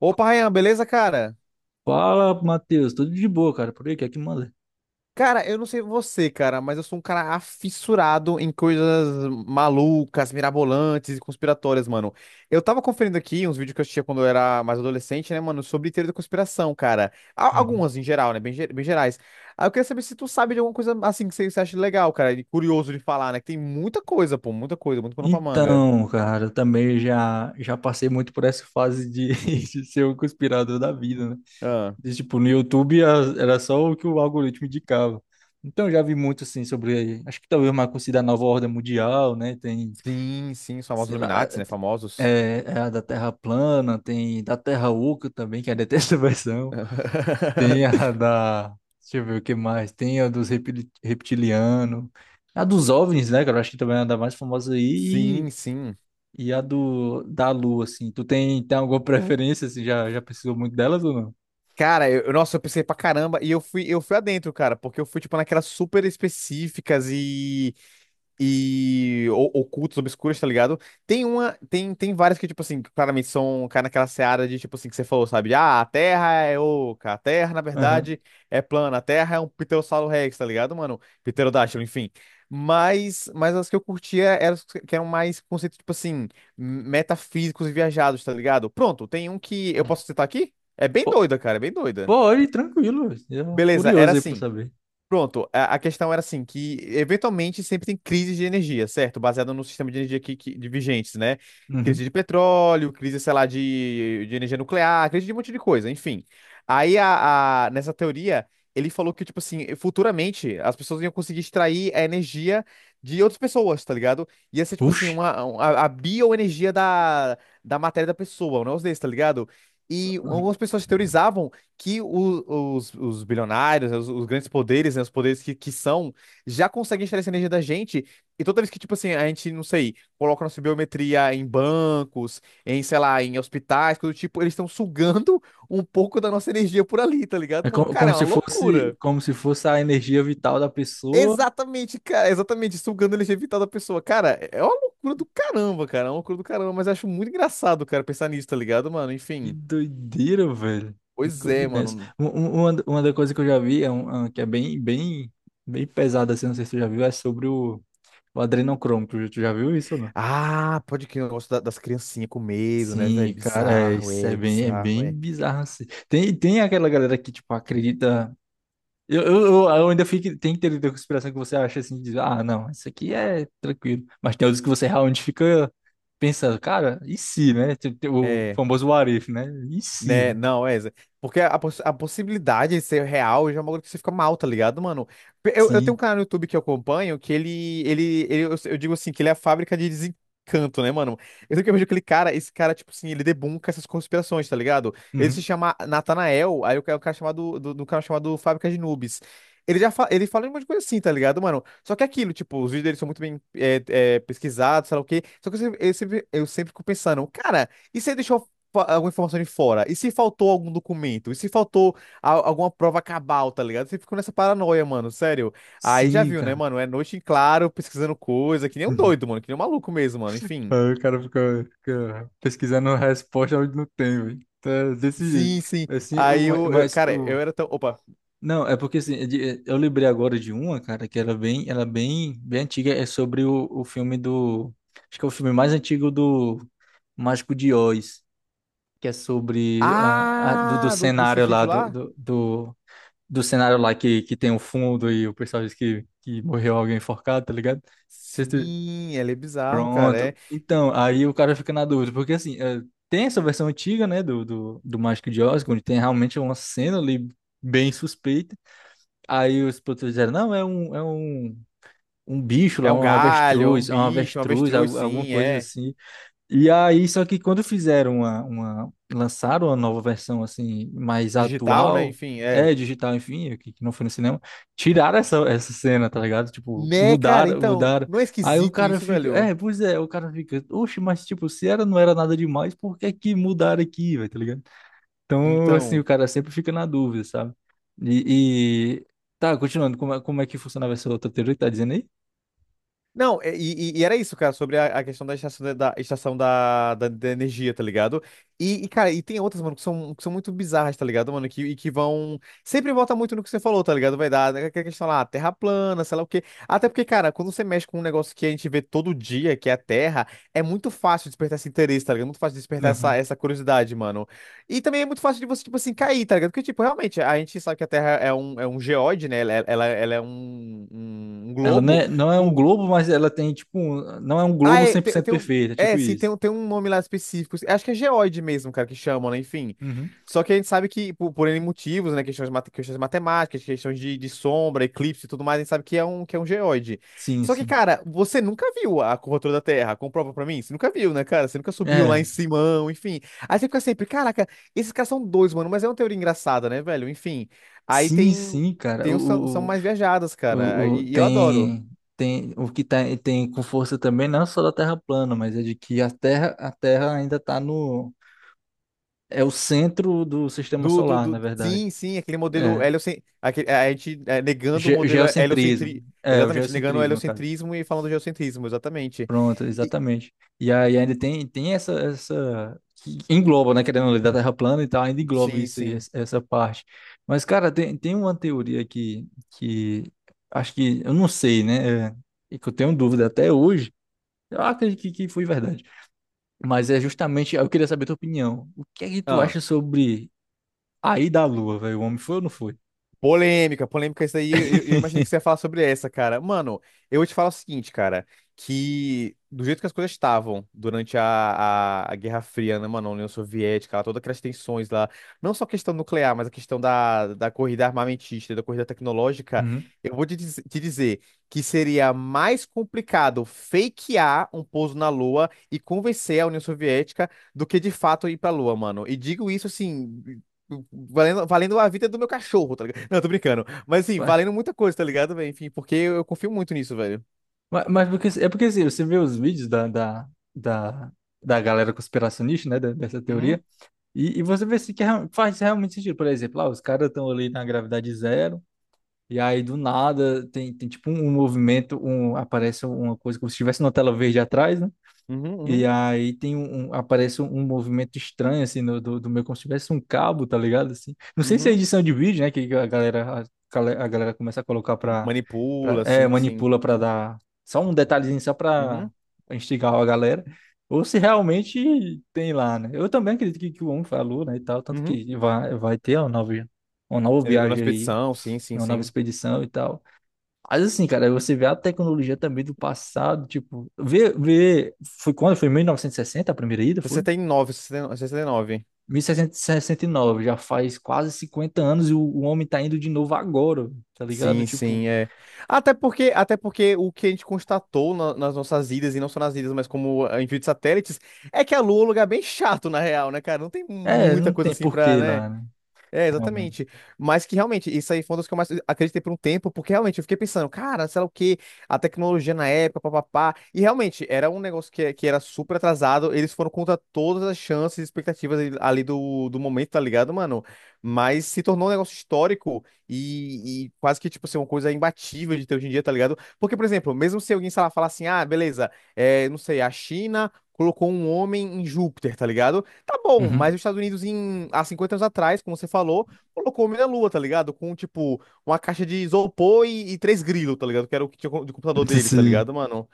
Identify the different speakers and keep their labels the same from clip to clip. Speaker 1: Opa, Ryan, beleza, cara?
Speaker 2: Fala, Matheus, tudo de boa, cara, por aí, que é que manda?
Speaker 1: Cara, eu não sei você, cara, mas eu sou um cara afissurado em coisas malucas, mirabolantes e conspiratórias, mano. Eu tava conferindo aqui uns vídeos que eu assistia quando eu era mais adolescente, né, mano, sobre teoria da conspiração, cara. Algumas em geral, né, bem, bem gerais. Aí eu queria saber se tu sabe de alguma coisa assim que você acha legal, cara, e curioso de falar, né, que tem muita coisa, pô, muita coisa, muito pano pra manga.
Speaker 2: Então, cara, eu também já passei muito por essa fase de, de ser o conspirador da vida, né?
Speaker 1: Ah,
Speaker 2: De, tipo, no YouTube era só o que o algoritmo indicava. Então, eu já vi muito, assim, sobre, acho que talvez uma coisa da nova ordem mundial, né? Tem,
Speaker 1: sim, sim, os famosos
Speaker 2: sei lá,
Speaker 1: Illuminati, né, famosos.
Speaker 2: é a da Terra plana, tem da Terra oca também, que é a dessa versão. Tem a da. Deixa eu ver o que mais. Tem a dos reptilianos. A dos OVNIs, né, cara? Eu acho que também é a da mais famosa aí.
Speaker 1: Sim, sim.
Speaker 2: E a do, da Lua, assim. Tu tem alguma preferência, assim? Já precisou muito delas ou não?
Speaker 1: Cara, nossa, eu pensei pra caramba e eu fui adentro, cara, porque eu fui, tipo, naquelas super específicas e ocultas, obscuras, tá ligado? Tem uma, tem várias que, tipo assim, que claramente são, cara, naquela seara de, tipo assim, que você falou, sabe? Ah, a Terra é oca, a Terra, na
Speaker 2: Aham.
Speaker 1: verdade, é plana, a Terra é um Pterossauro Rex, tá ligado, mano? Pterodátilo, enfim. Mas as que eu curtia eram as que eram mais conceitos, tipo assim, metafísicos e viajados, tá ligado? Pronto, tem um que eu posso citar aqui? É bem
Speaker 2: Pô,
Speaker 1: doida, cara, é bem doida.
Speaker 2: pode, tranquilo. Eu,
Speaker 1: Beleza, era
Speaker 2: curioso aí pra
Speaker 1: assim.
Speaker 2: saber.
Speaker 1: Pronto, a questão era assim, que eventualmente sempre tem crises de energia, certo? Baseado no sistema de energia de vigentes, né? Crise
Speaker 2: Uhum.
Speaker 1: de petróleo, crise, sei lá, de energia nuclear, crise de um monte de coisa, enfim. Aí, nessa teoria, ele falou que, tipo assim, futuramente as pessoas iam conseguir extrair a energia de outras pessoas, tá ligado? Ia ser, tipo assim,
Speaker 2: Oxi.
Speaker 1: a bioenergia da matéria da pessoa, um negócio desse, tá ligado? E algumas pessoas teorizavam que os bilionários, né, os grandes poderes, né, os poderes que são, já conseguem extrair essa energia da gente. E toda vez que, tipo assim, a gente, não sei, coloca nossa biometria em bancos, em, sei lá, em hospitais, coisa do tipo, eles estão sugando um pouco da nossa energia por ali, tá
Speaker 2: É
Speaker 1: ligado, mano? Cara, é uma loucura.
Speaker 2: como se fosse a energia vital da pessoa.
Speaker 1: Exatamente, cara, exatamente, sugando a energia vital da pessoa. Cara, é uma loucura do caramba, cara, é uma loucura do caramba, mas eu acho muito engraçado, cara, pensar nisso, tá ligado, mano?
Speaker 2: Que
Speaker 1: Enfim,
Speaker 2: doideira, velho.
Speaker 1: pois
Speaker 2: Nunca vi
Speaker 1: é,
Speaker 2: nessa.
Speaker 1: mano.
Speaker 2: Uma das coisas que eu já vi, é um que é bem, bem, bem pesada, assim, não sei se tu já viu, é sobre o adrenocromo. Tu já viu isso ou não?
Speaker 1: Ah, pode que eu gosto da- das criancinhas com medo, né, velho?
Speaker 2: Sim, cara, é,
Speaker 1: Bizarro,
Speaker 2: isso
Speaker 1: é,
Speaker 2: é
Speaker 1: bizarro,
Speaker 2: bem
Speaker 1: é.
Speaker 2: bizarro, assim. Tem aquela galera que, tipo, acredita. Eu ainda fico. Tem teoria da conspiração que você acha, assim, diz, ah, não, isso aqui é tranquilo. Mas tem outros que você realmente fica pensando, cara, e se, né? Tipo, tem o
Speaker 1: É.
Speaker 2: famoso what if, né? E se?
Speaker 1: Né?
Speaker 2: Né?
Speaker 1: Não, é. Porque a, a possibilidade de ser real já é uma coisa que você fica mal, tá ligado, mano? Eu tenho um
Speaker 2: Sim.
Speaker 1: canal no YouTube que eu acompanho que eu digo assim, que ele é a fábrica de desencanto, né, mano? Eu sempre que eu vejo aquele cara, esse cara, tipo assim, ele debunka essas conspirações, tá ligado? Ele se
Speaker 2: Uhum.
Speaker 1: chama Natanael, aí o cara chamado, do canal chamado Fábrica de Noobs. Ele já fa- ele fala um monte de coisa assim, tá ligado, mano? Só que é aquilo, tipo, os vídeos dele são muito bem pesquisados, sei lá o quê. Só que eu sempre fico pensando, cara. E você deixou alguma informação de fora? E se faltou algum documento? E se faltou alguma prova cabal, tá ligado? Você ficou nessa paranoia, mano, sério. Aí já
Speaker 2: Sim,
Speaker 1: viu, né,
Speaker 2: cara.
Speaker 1: mano? É noite em claro, pesquisando coisa, que nem um doido, mano, que nem um maluco mesmo, mano, enfim.
Speaker 2: Aí o cara fica pesquisando a resposta onde não tem, velho. Então, é desse
Speaker 1: Sim,
Speaker 2: jeito.
Speaker 1: sim.
Speaker 2: Assim,
Speaker 1: Aí
Speaker 2: mas
Speaker 1: cara, eu
Speaker 2: o
Speaker 1: era tão. Opa.
Speaker 2: não, é porque assim, eu lembrei agora de uma, cara, que era bem, ela é bem, bem antiga, é sobre o filme do, acho que é o filme mais antigo do Mágico de Oz, que é sobre do
Speaker 1: Ah, do, do
Speaker 2: cenário lá
Speaker 1: suicídio
Speaker 2: do,
Speaker 1: lá?
Speaker 2: do, do, do cenário lá que tem o fundo e o pessoal diz que morreu alguém enforcado, tá ligado?
Speaker 1: Sim, ele é bizarro, cara. É,
Speaker 2: Pronto. Então, aí o cara fica na dúvida, porque assim, tem essa versão antiga, né, do Mágico de Oz, onde tem realmente uma cena ali bem suspeita. Aí os produtores disseram, não, é um, um bicho lá,
Speaker 1: é um
Speaker 2: um
Speaker 1: galho, é um
Speaker 2: avestruz, é um
Speaker 1: bicho, um
Speaker 2: avestruz,
Speaker 1: avestruz,
Speaker 2: alguma
Speaker 1: sim,
Speaker 2: coisa
Speaker 1: é.
Speaker 2: assim. E aí, só que quando fizeram uma, lançaram uma nova versão assim, mais
Speaker 1: Digital, né?
Speaker 2: atual,
Speaker 1: Enfim, é.
Speaker 2: é digital, enfim, que não foi no cinema, tiraram essa cena, tá ligado? Tipo,
Speaker 1: Né, cara?
Speaker 2: mudaram,
Speaker 1: Então,
Speaker 2: mudaram.
Speaker 1: não é
Speaker 2: Aí o
Speaker 1: esquisito
Speaker 2: cara
Speaker 1: isso,
Speaker 2: fica,
Speaker 1: velho?
Speaker 2: é, pois é, o cara fica, oxe, mas tipo, se era, não era nada demais, por que que mudaram aqui, velho, tá ligado? Então, assim, o
Speaker 1: Então.
Speaker 2: cara sempre fica na dúvida, sabe? E, e- tá, continuando, como é que funcionava essa outra teoria que tá dizendo aí?
Speaker 1: Não, e era isso, cara, sobre a questão da estação, da estação da energia, tá ligado? E, cara, e tem outras, mano, que são muito bizarras, tá ligado, mano? Que, e que vão. Sempre volta muito no que você falou, tá ligado? Vai dar aquela questão lá, Terra plana, sei lá o quê. Até porque, cara, quando você mexe com um negócio que a gente vê todo dia, que é a Terra, é muito fácil despertar esse interesse, tá ligado? É muito fácil despertar essa curiosidade, mano. E também é muito fácil de você, tipo assim, cair, tá ligado? Porque, tipo, realmente, a gente sabe que a Terra é um geóide, né? Ela é um
Speaker 2: Ela não
Speaker 1: globo.
Speaker 2: é, não é um globo, mas ela tem, tipo, não é um
Speaker 1: Ah,
Speaker 2: globo
Speaker 1: é,
Speaker 2: cem por
Speaker 1: tem,
Speaker 2: cento
Speaker 1: tem um,
Speaker 2: perfeito, é
Speaker 1: é,
Speaker 2: tipo
Speaker 1: sim, tem,
Speaker 2: isso.
Speaker 1: um- tem um nome lá específico. Acho que é geoide mesmo, cara, que chamam, né? Enfim.
Speaker 2: Uhum.
Speaker 1: Só que a gente sabe que, por N motivos, né? Questões, questões matemáticas, questões de sombra, eclipse e tudo mais, a gente sabe que é um geoide.
Speaker 2: Sim,
Speaker 1: Só que,
Speaker 2: sim.
Speaker 1: cara, você nunca viu a curvatura da Terra? Comprova pra mim? Você nunca viu, né, cara? Você nunca subiu lá
Speaker 2: É,
Speaker 1: em Simão, enfim. Aí você fica sempre, caraca, esses caras são dois, mano, mas é uma teoria engraçada, né, velho? Enfim. Aí
Speaker 2: sim,
Speaker 1: tem.
Speaker 2: sim, cara.
Speaker 1: Tem os são, são mais viajadas, cara.
Speaker 2: O, o-
Speaker 1: E eu adoro.
Speaker 2: tem, tem o que tá, tem com força também, não é só da Terra plana, mas é de que a Terra ainda tá no, é o centro do sistema solar, na verdade.
Speaker 1: Sim, sim, aquele modelo
Speaker 2: É,
Speaker 1: heliocentrismo. A gente é, negando o modelo heliocentrismo.
Speaker 2: geocentrismo. É, o
Speaker 1: Exatamente, negando o
Speaker 2: geocentrismo, cara.
Speaker 1: heliocentrismo e falando de geocentrismo, exatamente.
Speaker 2: Pronto,
Speaker 1: E-
Speaker 2: exatamente. E aí ainda tem essa, essa. Que engloba, né? Querendo ler da Terra plana e tal, ainda engloba
Speaker 1: sim,
Speaker 2: isso aí,
Speaker 1: sim.
Speaker 2: essa parte. Mas, cara, tem uma teoria que... Acho que. Eu não sei, né? E que eu tenho dúvida até hoje. Eu acredito que foi verdade. Mas é justamente. Eu queria saber a tua opinião. O que é que tu acha sobre a ida à Lua, velho? O homem foi ou não foi?
Speaker 1: Polêmica, polêmica isso aí. Eu imaginei que você ia falar sobre essa, cara. Mano, eu vou te falar o seguinte, cara, que do jeito que as coisas estavam durante a Guerra Fria, né, mano, a União Soviética, lá, todas aquelas tensões lá, não só a questão nuclear, mas a questão da corrida armamentista, da corrida tecnológica,
Speaker 2: Uhum.
Speaker 1: eu vou te dizer que seria mais complicado fakear um pouso na Lua e convencer a União Soviética do que de fato ir pra Lua, mano. E digo isso assim. Valendo, valendo a vida do meu cachorro, tá ligado? Não, tô brincando. Mas assim,
Speaker 2: Ué,
Speaker 1: valendo muita coisa, tá ligado, velho? Enfim, porque eu confio muito nisso, velho.
Speaker 2: mas porque, é porque, assim, você vê os vídeos da... da galera conspiracionista, né? Dessa
Speaker 1: Uhum,
Speaker 2: teoria. E você vê se que é faz realmente sentido. Por exemplo, lá, os caras estão ali na gravidade zero, e aí do nada tem tipo um movimento, um, aparece uma coisa como se estivesse uma tela verde atrás,
Speaker 1: uhum,
Speaker 2: e
Speaker 1: uhum,
Speaker 2: aí tem aparece um movimento estranho, assim, no, do meu, como se tivesse um cabo, tá ligado? Assim. Não sei se é
Speaker 1: uhum.
Speaker 2: edição de vídeo, né? Que a galera, a galera começa a colocar pra.
Speaker 1: Manipula,
Speaker 2: É,
Speaker 1: sim, sim.
Speaker 2: manipula pra dar só um detalhezinho, só pra
Speaker 1: Uhum,
Speaker 2: pra instigar a galera. Ou se realmente tem lá, né? Eu também acredito que o homem falou, né, e tal. Tanto
Speaker 1: uhum.
Speaker 2: que vai ter uma nova, uma nova,
Speaker 1: Eu na
Speaker 2: viagem aí,
Speaker 1: expedição, sim, sim,
Speaker 2: uma nova
Speaker 1: sim.
Speaker 2: expedição e tal. Mas assim, cara, você vê a tecnologia também do passado, tipo, vê, foi quando? Foi em 1960 a primeira ida, foi?
Speaker 1: 69, nove, sessenta e nove.
Speaker 2: 1969, já faz quase 50 anos e o homem tá indo de novo agora, tá ligado?
Speaker 1: Sim,
Speaker 2: Tipo,
Speaker 1: sim, é. Até porque o que a gente constatou nas nossas idas, e não só nas idas, mas como ah, envio de satélites, é que a Lua é um lugar bem chato, na real, né, cara? Não tem
Speaker 2: é,
Speaker 1: muita
Speaker 2: não
Speaker 1: coisa
Speaker 2: tem
Speaker 1: assim pra,
Speaker 2: porquê
Speaker 1: né?
Speaker 2: lá, né?
Speaker 1: É, exatamente.
Speaker 2: Realmente.
Speaker 1: Mas que realmente, isso aí foi uma das que eu mais acreditei por um tempo, porque realmente eu fiquei pensando, cara, sei lá o quê, a tecnologia na época, papapá. E realmente, era um negócio que era super atrasado, eles foram contra todas as chances e expectativas ali do momento, tá ligado, mano? Mas se tornou um negócio histórico e quase que, tipo, ser uma coisa imbatível de ter hoje em dia, tá ligado? Porque, por exemplo, mesmo se alguém, sei lá, falar assim, ah, beleza, é, não sei, a China colocou um homem em Júpiter, tá ligado? Tá bom, mas
Speaker 2: Uhum.
Speaker 1: os Estados Unidos, em, há 50 anos atrás, como você falou, colocou o homem na Lua, tá ligado? Com, tipo, uma caixa de isopor e três grilos, tá ligado? Que era o que tinha de computador deles, tá
Speaker 2: Sim.
Speaker 1: ligado, mano?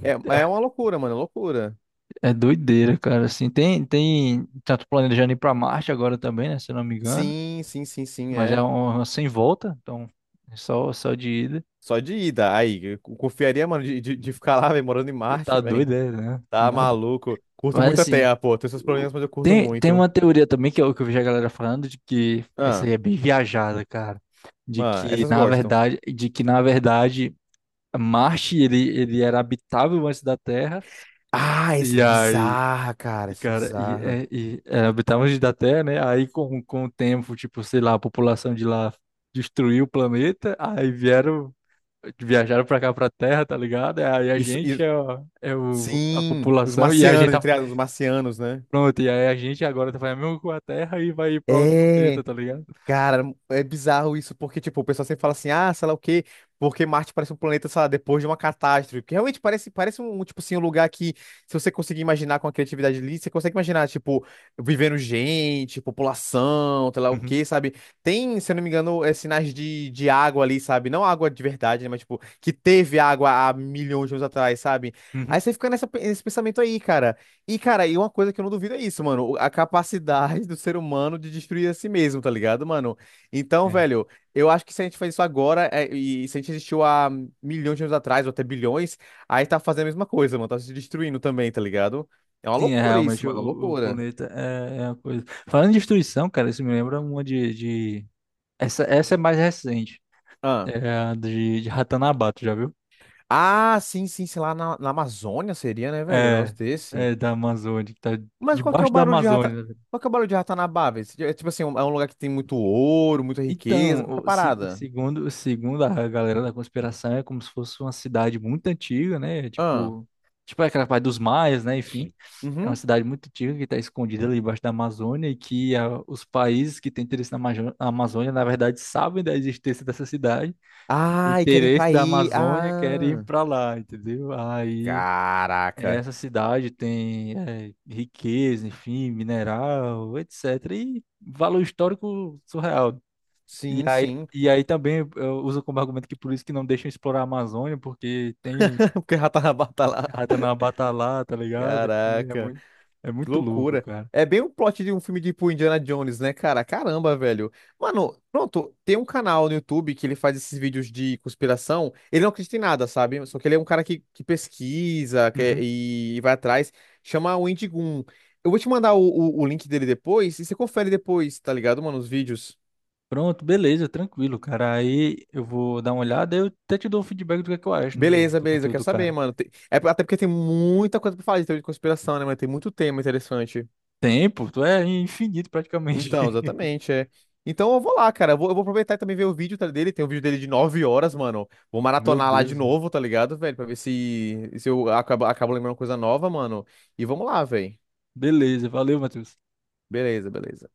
Speaker 1: É, é
Speaker 2: É,
Speaker 1: uma loucura, mano, é loucura.
Speaker 2: é doideira, cara, assim, tanto planejando ir pra Marte agora também, né, se eu não me engano,
Speaker 1: Sim, sim, sim, sim,
Speaker 2: mas é
Speaker 1: é.
Speaker 2: uma sem volta, então, é só de ida.
Speaker 1: Só de ida. Aí, eu confiaria, mano, de ficar lá, velho, morando em
Speaker 2: Você
Speaker 1: Marte,
Speaker 2: tá
Speaker 1: velho.
Speaker 2: doido, é, né?
Speaker 1: Tá maluco. Curto
Speaker 2: Mas
Speaker 1: muito a
Speaker 2: assim,
Speaker 1: Terra, pô. Tem seus
Speaker 2: o-
Speaker 1: problemas, mas eu curto
Speaker 2: tem
Speaker 1: muito.
Speaker 2: uma teoria também que eu vejo a galera falando de que essa aí
Speaker 1: Ah,
Speaker 2: é bem viajada, cara. De
Speaker 1: ah,
Speaker 2: que
Speaker 1: essas
Speaker 2: na
Speaker 1: gostam.
Speaker 2: verdade, de que na verdade Marte ele era habitável antes da Terra.
Speaker 1: Ah, essa
Speaker 2: E
Speaker 1: é
Speaker 2: aí,
Speaker 1: bizarra, cara, essa é
Speaker 2: cara,
Speaker 1: bizarra.
Speaker 2: é, habitável antes da Terra, né? Aí com o tempo, tipo, sei lá, a população de lá destruiu o planeta, aí vieram, viajaram pra cá pra Terra, tá ligado? Aí a
Speaker 1: Isso,
Speaker 2: gente a
Speaker 1: sim, os
Speaker 2: população e a gente
Speaker 1: marcianos,
Speaker 2: tá.
Speaker 1: entre aspas, os marcianos, né?
Speaker 2: Pronto, e aí a gente agora vai mesmo com a Terra e vai ir pra outro planeta,
Speaker 1: É,
Speaker 2: tá ligado?
Speaker 1: cara, é bizarro isso, porque, tipo, o pessoal sempre fala assim, ah, sei lá o quê, porque Marte parece um planeta, sei lá, depois de uma catástrofe, porque realmente parece, parece um, tipo assim, um lugar que, se você conseguir imaginar com a criatividade ali, você consegue imaginar, tipo, vivendo gente, população, sei lá o
Speaker 2: Uhum,
Speaker 1: quê, sabe? Tem, se eu não me engano, sinais de água ali, sabe? Não água de verdade, né, mas, tipo, que teve água há milhões de anos atrás, sabe? Aí
Speaker 2: uhum,
Speaker 1: você fica nessa, nesse pensamento aí, cara. E, cara, e uma coisa que eu não duvido é isso, mano. A capacidade do ser humano de destruir a si mesmo, tá ligado, mano? Então,
Speaker 2: é.
Speaker 1: velho, eu acho que se a gente faz isso agora, é, e se a gente existiu há milhões de anos atrás, ou até bilhões, aí tá fazendo a mesma coisa, mano. Tá se destruindo também, tá ligado? É uma
Speaker 2: Sim, é,
Speaker 1: loucura isso,
Speaker 2: realmente o,
Speaker 1: mano. Uma
Speaker 2: o o
Speaker 1: loucura.
Speaker 2: planeta é uma coisa. Falando em destruição, cara, isso me lembra uma de... Essa é mais recente.
Speaker 1: Ah.
Speaker 2: É a de Ratanabá, tu já viu?
Speaker 1: Ah, sim, sim, sei lá, na, na Amazônia seria, né, velho? Um
Speaker 2: É,
Speaker 1: negócio desse.
Speaker 2: é da Amazônia, que tá
Speaker 1: Mas qual que é o
Speaker 2: debaixo da
Speaker 1: barulho de rata.
Speaker 2: Amazônia. Né?
Speaker 1: Qual que é o barulho de Ratanabá, velho? É tipo assim, um- é um lugar que tem muito ouro, muita riqueza, qualquer
Speaker 2: Então,
Speaker 1: parada.
Speaker 2: segundo a galera da conspiração, é como se fosse uma cidade muito antiga, né?
Speaker 1: Ah.
Speaker 2: Tipo aquela parte dos maias, né? Enfim. É uma
Speaker 1: Uhum.
Speaker 2: cidade muito antiga que está escondida ali embaixo da Amazônia e que os países que têm interesse na na Amazônia, na verdade, sabem da existência dessa cidade. O
Speaker 1: Ai, querem
Speaker 2: interesse
Speaker 1: pra
Speaker 2: da
Speaker 1: ir.
Speaker 2: Amazônia quer ir
Speaker 1: Ah,
Speaker 2: para lá, entendeu? Aí
Speaker 1: caraca.
Speaker 2: essa cidade tem riqueza, enfim, mineral, etc. E valor histórico surreal. E
Speaker 1: Sim,
Speaker 2: aí,
Speaker 1: sim.
Speaker 2: e aí também eu uso como argumento que por isso que não deixam explorar a Amazônia, porque tem
Speaker 1: Porque o Ratanabá tá lá.
Speaker 2: Ratanabata lá, tá ligado? Enfim,
Speaker 1: Caraca,
Speaker 2: é
Speaker 1: que
Speaker 2: muito louco,
Speaker 1: loucura.
Speaker 2: cara.
Speaker 1: É bem o plot de um filme tipo Indiana Jones, né, cara? Caramba, velho. Mano, pronto, tem um canal no YouTube que ele faz esses vídeos de conspiração. Ele não acredita em nada, sabe? Só que ele é um cara que pesquisa
Speaker 2: Uhum.
Speaker 1: vai atrás. Chama o Indigun. Eu vou te mandar o, o link dele depois e você confere depois, tá ligado, mano? Os vídeos.
Speaker 2: Pronto, beleza, tranquilo, cara. Aí eu vou dar uma olhada e eu até te dou um feedback do que é que eu acho, né, do,
Speaker 1: Beleza,
Speaker 2: do
Speaker 1: beleza, eu
Speaker 2: conteúdo
Speaker 1: quero
Speaker 2: do
Speaker 1: saber,
Speaker 2: cara.
Speaker 1: mano. É até porque tem muita coisa pra falar de teoria de conspiração, né, mano? Tem muito tema interessante.
Speaker 2: Tempo, tu é infinito praticamente.
Speaker 1: Então, exatamente, é. Então eu vou lá, cara. Eu vou aproveitar e também ver o vídeo tá, dele. Tem um vídeo dele de 9 horas, mano. Vou
Speaker 2: Meu
Speaker 1: maratonar lá de
Speaker 2: Deus, velho.
Speaker 1: novo, tá ligado, velho? Pra ver se, se eu acabo, acabo lembrando coisa nova, mano. E vamos lá, velho.
Speaker 2: Beleza, valeu, Matheus.
Speaker 1: Beleza, beleza.